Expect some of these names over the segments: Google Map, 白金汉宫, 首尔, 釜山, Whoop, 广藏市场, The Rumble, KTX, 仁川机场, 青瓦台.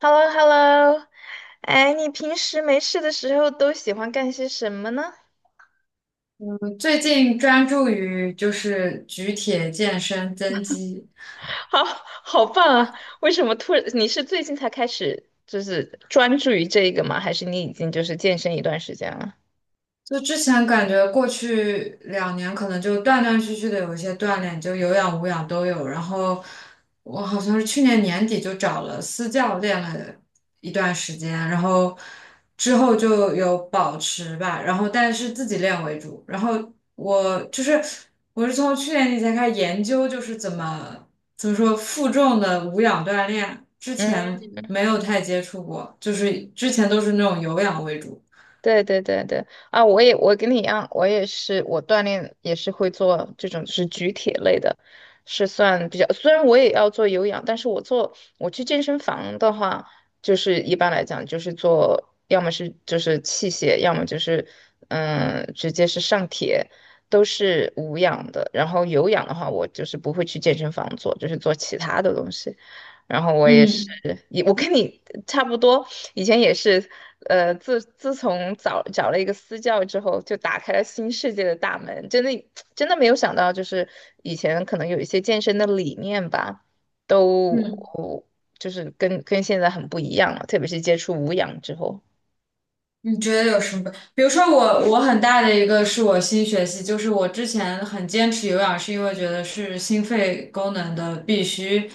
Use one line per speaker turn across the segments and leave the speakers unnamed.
h e l l o Hello 哎，你平时没事的时候都喜欢干些什么呢？
我最近专注于就是举铁健身增肌。
好，好棒啊！为什么突然？你是最近才开始就是专注于这个吗？还是你已经就是健身一段时间了？
就之前感觉过去2年可能就断断续续的有一些锻炼，就有氧无氧都有。然后我好像是去年年底就找了私教练了一段时间，然后之后就有保持吧，然后但是自己练为主。然后我就是我是从去年底才开始研究，就是怎么说负重的无氧锻炼，之
嗯。
前没有太接触过，就是之前都是那种有氧为主。
对对对对啊！我跟你一样，我锻炼也是会做这种是举铁类的，是算比较。虽然我也要做有氧，但是我做我去健身房的话，就是一般来讲就是做，要么是就是器械，要么就是嗯直接是上铁，都是无氧的。然后有氧的话，我就是不会去健身房做，就是做其他的东西。然后我也是，
嗯
也我跟你差不多，以前也是，自从找了一个私教之后，就打开了新世界的大门。真的，真的没有想到，就是以前可能有一些健身的理念吧，都
嗯。
就是跟现在很不一样了，特别是接触无氧之后。
你觉得有什么？比如说我很大的一个是我新学习，就是我之前很坚持有氧，是因为觉得是心肺功能的必须，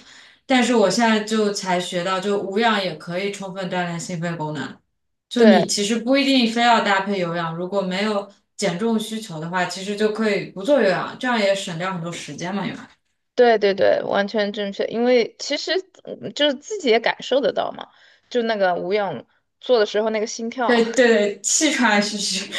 但是我现在就才学到，就无氧也可以充分锻炼心肺功能。就你
对
其实不一定非要搭配有氧，如果没有减重需求的话，其实就可以不做有氧，这样也省掉很多时间嘛，因为
对对对，完全正确。因为其实嗯就是自己也感受得到嘛，就那个无氧做的时候那个心跳，
对对对，气喘吁吁，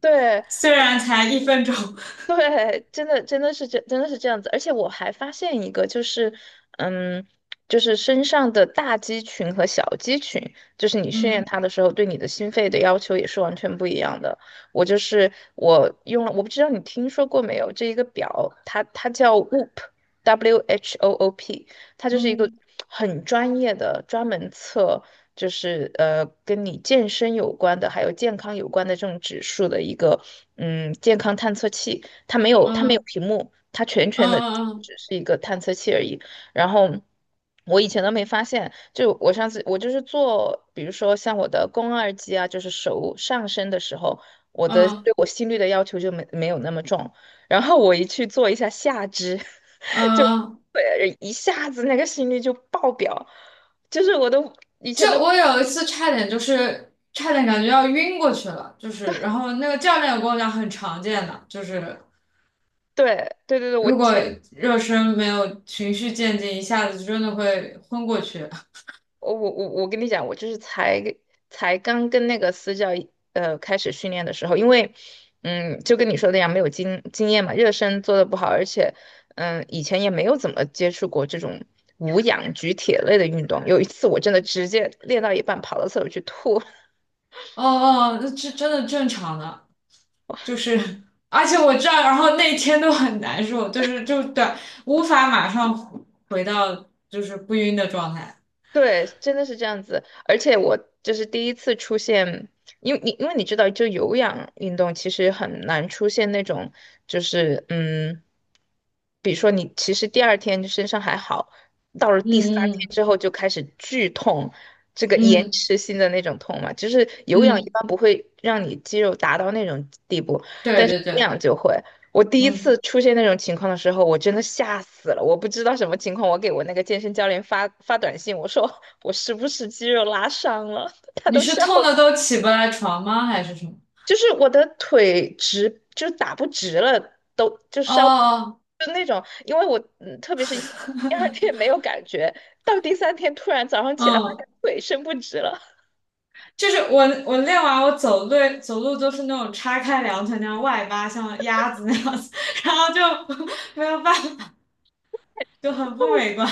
对
虽然才1分钟。
对，真的是这样子，而且我还发现一个，就是嗯，就是身上的大肌群和小肌群，就是你训练它的时候，对你的心肺的要求也是完全不一样的。我就是我用了，我不知道你听说过没有，这一个表，它叫 Whoop，W H O O P，它就是一个很专业的，专门测。就是跟你健身有关的，还有健康有关的这种指数的一个，嗯，健康探测器。它没有
嗯
屏幕，它全的
嗯
只
嗯
是一个探测器而已。然后我以前都没发现，就我上次我就是做，比如说像我的肱二肌啊，就是手上伸的时候，我
嗯
的
嗯嗯。嗯嗯
对我心率的要求就没有那么重。然后我一去做一下下肢，
嗯
就
嗯。
对一下子那个心率就爆表，就是我都以
就
前都
我有一次差点感觉要晕过去了，就是然后那个教练有跟我讲很常见的，就是
对对对对，我
如果
前。
热身没有循序渐进，一下子真的会昏过去。
我跟你讲，我就是才刚跟那个私教开始训练的时候，因为嗯，就跟你说的一样，没有经验嘛，热身做的不好，而且嗯，以前也没有怎么接触过这种无氧举铁类的运动。有一次我真的直接练到一半跑到厕所去吐，
哦哦，那这真的正常的，就是而且我这道，然后那天都很难受，就是就对，无法马上回到就是不晕的状态。
对，真的是这样子。而且我就是第一次出现，因为你知道，就有氧运动其实很难出现那种，就是嗯，比如说你其实第二天身上还好，到了第三天
嗯
之后就开始剧痛，这个
嗯
延
嗯
迟性的那种痛嘛，就是有氧一
嗯。
般不会让你肌肉达到那种地步，
对
但是
对
无
对。
氧就会。我第一次
嗯。
出现那种情况的时候，我真的吓死了。我不知道什么情况，我给我那个健身教练发短信，我说我是不是肌肉拉伤了？他
你
都
是
笑
痛的
了
都起不来床吗？还是什么？
就是我的腿直，就是打不直了
哦哦。
那种。因为我，嗯，特别是因为第二天没有感觉，到第三天突然早上起来发
嗯，
现腿伸不直了，
就是我练完我走路走路都是那种叉开两腿那样外八，像鸭子那样子，然后就 没有办法，就很不 美观。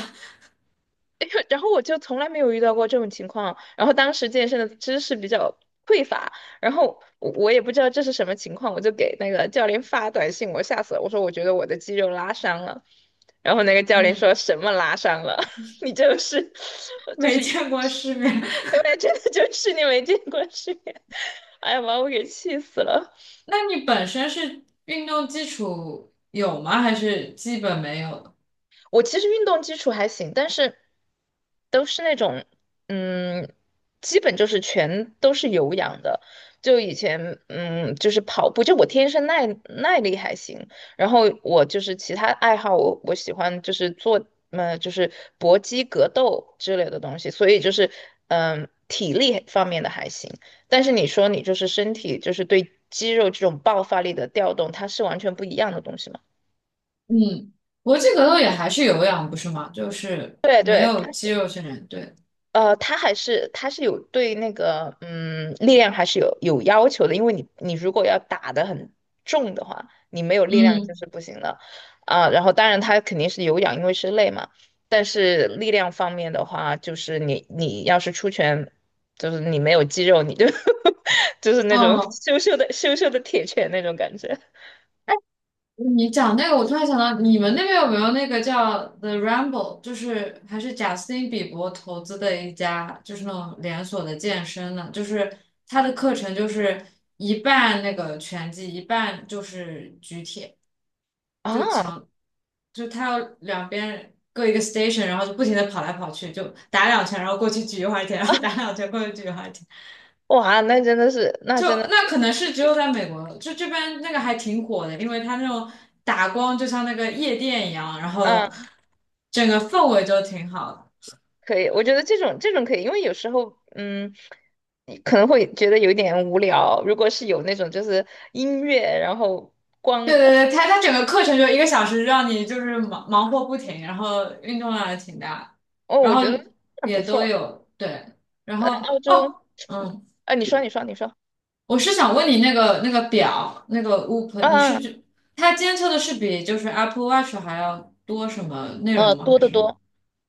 然后我就从来没有遇到过这种情况，然后当时健身的知识比较匮乏，然后我也不知道这是什么情况，我就给那个教练发短信，我吓死了，我说我觉得我的肌肉拉伤了，然后那个教练说
嗯。
什么拉伤了，你就是 就
没
是原
见过世面。
来真的就是你没见过世面，哎呀把我给气死了。
那你本身是运动基础有吗？还是基本没有的。
我其实运动基础还行，但是都是那种，嗯，基本就是全都是有氧的。就以前，嗯，就是跑步，就我天生耐力还行，然后我就是其他爱好我，我喜欢就是做，就是搏击、格斗之类的东西，所以就是，嗯，体力方面的还行。但是你说你就是身体，就是对肌肉这种爆发力的调动，它是完全不一样的东西嘛？
嗯。搏击格斗也还是有氧，不是吗？就是
对
没
对，
有肌肉训练，对。
他还是他是有对那个嗯力量还是有要求的，因为你如果要打得很重的话，你没有力量就
嗯。
是不行的啊。然后当然他肯定是有氧，因为是累嘛。但是力量方面的话，就是你要是出拳，就是你没有肌肉，你就 就是那种
嗯。
羞羞的铁拳那种感觉
你讲那个，我突然想到，你们那边有没有那个叫 Rumble 就是还是贾斯汀比伯投资的一家，就是那种连锁的健身呢？就是他的课程就是一半那个拳击，一半就是举铁，就
啊！
强，就他要两边各一个 station，然后就不停的跑来跑去，就打两拳，然后过去举一会儿铁，然后打两拳过去举一会儿铁。
哇，那真的是那
就
真的
那
是。
可能是只有在美国，就这边那个还挺火的，因为它那种打光就像那个夜店一样，然后
嗯
整个氛围就挺好的。
可以，我觉得这种这种可以，因为有时候，嗯，你可能会觉得有点无聊。如果是有那种就是音乐，然后
对
光
对对，它整个课程就1个小时，让你就是忙忙活不停，然后运动量也挺大，
哦，
然
我
后
觉得那不
也都
错。
有对，然后
澳洲，
哦。嗯，
啊，你说，你说，你说，
我是想问你那个表那个 Whoop，你是
啊，
就它监测的是比就是 Apple Watch 还要多什么内容吗？
多
还
得
是
多，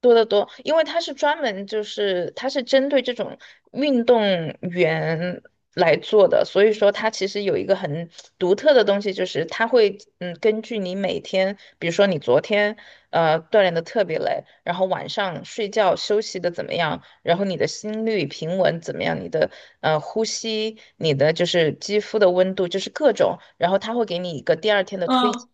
多得多，因为它是专门就是它是针对这种运动员来做的，所以说它其实有一个很独特的东西，就是它会嗯根据你每天，比如说你昨天。锻炼的特别累，然后晚上睡觉休息的怎么样，然后你的心率平稳怎么样，你的呼吸，你的就是肌肤的温度，就是各种，然后他会给你一个第二天的推荐
嗯。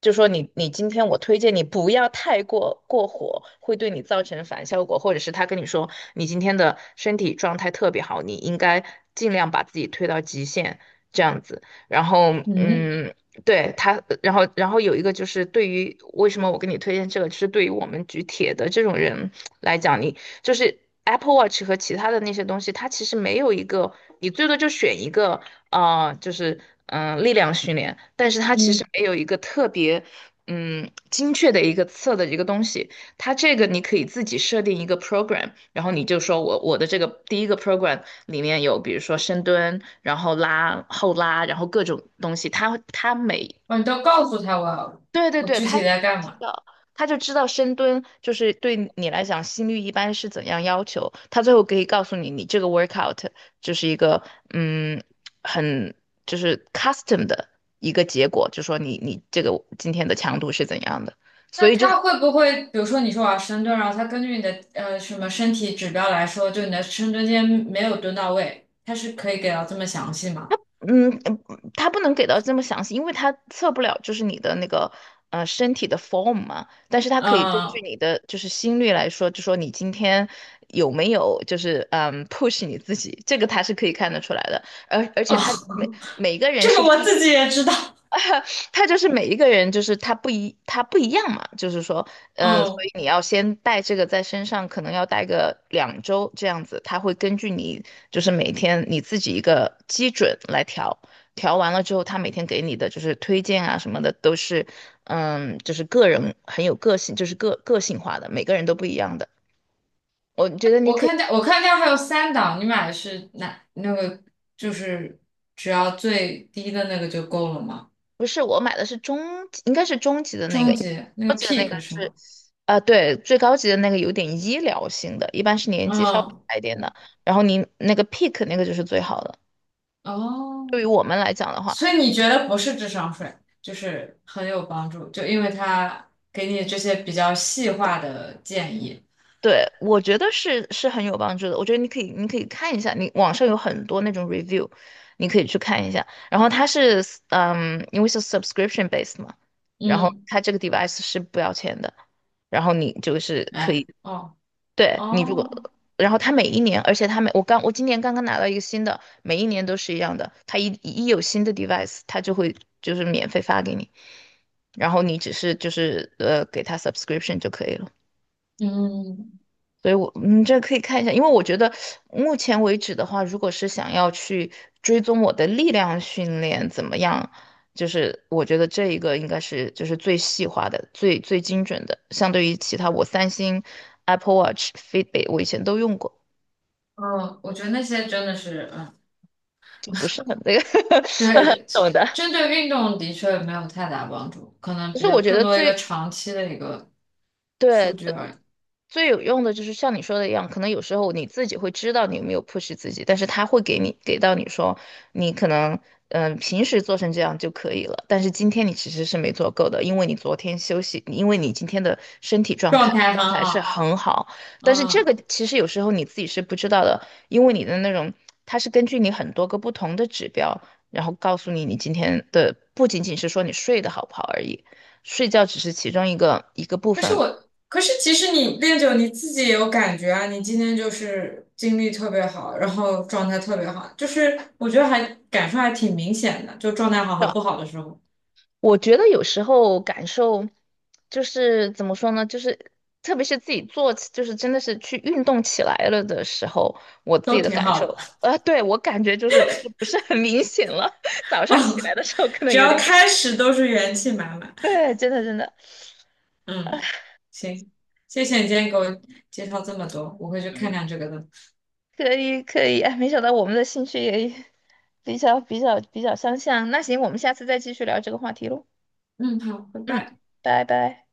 就说你你今天我推荐你不要太过火，会对你造成反效果，或者是他跟你说你今天的身体状态特别好，你应该尽量把自己推到极限这样子。然后，
嗯。
嗯，对他，然后有一个就是对于为什么我给你推荐这个，就是对于我们举铁的这种人来讲，你就是 Apple Watch 和其他的那些东西，它其实没有一个，你最多就选一个，啊，就是嗯、力量训练，但是它其实
嗯。
没有一个特别嗯精确的一个测的一个东西，它这个你可以自己设定一个 program，然后你就说我的这个第一个 program 里面有比如说深蹲，然后拉、后拉，然后各种东西。他他每
哦，你都告诉他我要
对对
我
对，
具体
他
在干
知
嘛？
道，他就知道深蹲就是对你来讲心率一般是怎样要求。他最后可以告诉你，你这个 workout 就是一个嗯很就是 custom 的一个结果，就说你你这个今天的强度是怎样的。所
那
以就
他会不会，比如说你说我要深蹲，然后他根据你的什么身体指标来说，就你的深蹲今天没有蹲到位，他是可以给到这么详细吗？
嗯，嗯它不能给到这么详细，因为它测不了就是你的那个身体的 form 嘛，但是它
嗯。
可以根据
哦。
你的就是心率来说，就说你今天有没有就是嗯 push 你自己，这个它是可以看得出来的，而且它每个 人
这
是
个我
不一。
自己也知道。
他就是每一个人，就是他不一，他不一样嘛，就是说，嗯，所
嗯，
以你要先带这个在身上，可能要带个两周这样子，他会根据你就是每天你自己一个基准来调，调完了之后，他每天给你的就是推荐啊什么的都是，嗯，就是个人很有个性，就是个性化的，每个人都不一样的。我觉得你
我
可以，
看见我看见还有三档，你买的是哪那个？就是只要最低的那个就够了吗？
不是我买的是中级，应该是中级的那个，
终极那
高
个
级的那个
peak 是
是。
吗？
啊，对，最高级的那个有点医疗性的，一般是年纪稍微
嗯。
大一点的，然后您那个 pick 那个就是最好的。对于
哦，
我们来讲的话，
所以你觉得不是智商税，就是很有帮助，就因为它给你这些比较细化的建议。
对，我觉得是很有帮助的。我觉得你可以，你可以看一下，你网上有很多那种 review，你可以去看一下。然后它是，嗯，因为是 subscription base 嘛，然后
嗯。
它这个 device 是不要钱的，然后你就是可以。
哎。哦
对你如
哦。
果，然后他每一年，而且他每我刚我今年刚刚拿到一个新的，每一年都是一样的，他一有新的 device，他就会就是免费发给你，然后你只是就是给他 subscription 就可以了。
嗯。
所以我，你这可以看一下，因为我觉得目前为止的话，如果是想要去追踪我的力量训练怎么样，就是我觉得这一个应该是就是最细化的、最精准的，相对于其他我三星、Apple Watch、Fitbit，我以前都用过。
哦，我觉得那些真的是，嗯，
就不是很那个
对 对，
懂
针
的。
针对运动的确没有太大帮助，可能
其
比
实
较
我觉
更
得
多一
最
个长期的一个数
对
据而已，
最有用的就是像你说的一样，可能有时候你自己会知道你有没有 push 自己，但是他会给你给到你说，你可能嗯、平时做成这样就可以了，但是今天你其实是没做够的，因为你昨天休息，因为你今天的身体状
状
态
态很
状态是
好。
很好，但是这
嗯。
个其实有时候你自己是不知道的，因为你的那种它是根据你很多个不同的指标，然后告诉你你今天的不仅仅是说你睡得好不好而已，睡觉只是其中一个部
可是
分。
我，可是其实你练久你自己也有感觉啊，你今天就是精力特别好，然后状态特别好，就是我觉得还感受还挺明显的，就状态好和不好的时候
我觉得有时候感受就是怎么说呢，就是特别是自己做起，就是真的是去运动起来了的时候，我自
都
己的
挺
感
好
受，
的。
对，我感觉就是就不是很明显了。早
哦。
上起来的时候可能
只
有
要
点感觉，
开始都是元气满满。
对，真的真的
嗯。行，谢谢你今天给我介绍这么多，我会去看
嗯，
看这个的。
可以可以，哎，没想到我们的兴趣也比较相像。那行，我们下次再继续聊这个话题喽。
嗯，好，拜
嗯，
拜。
拜拜。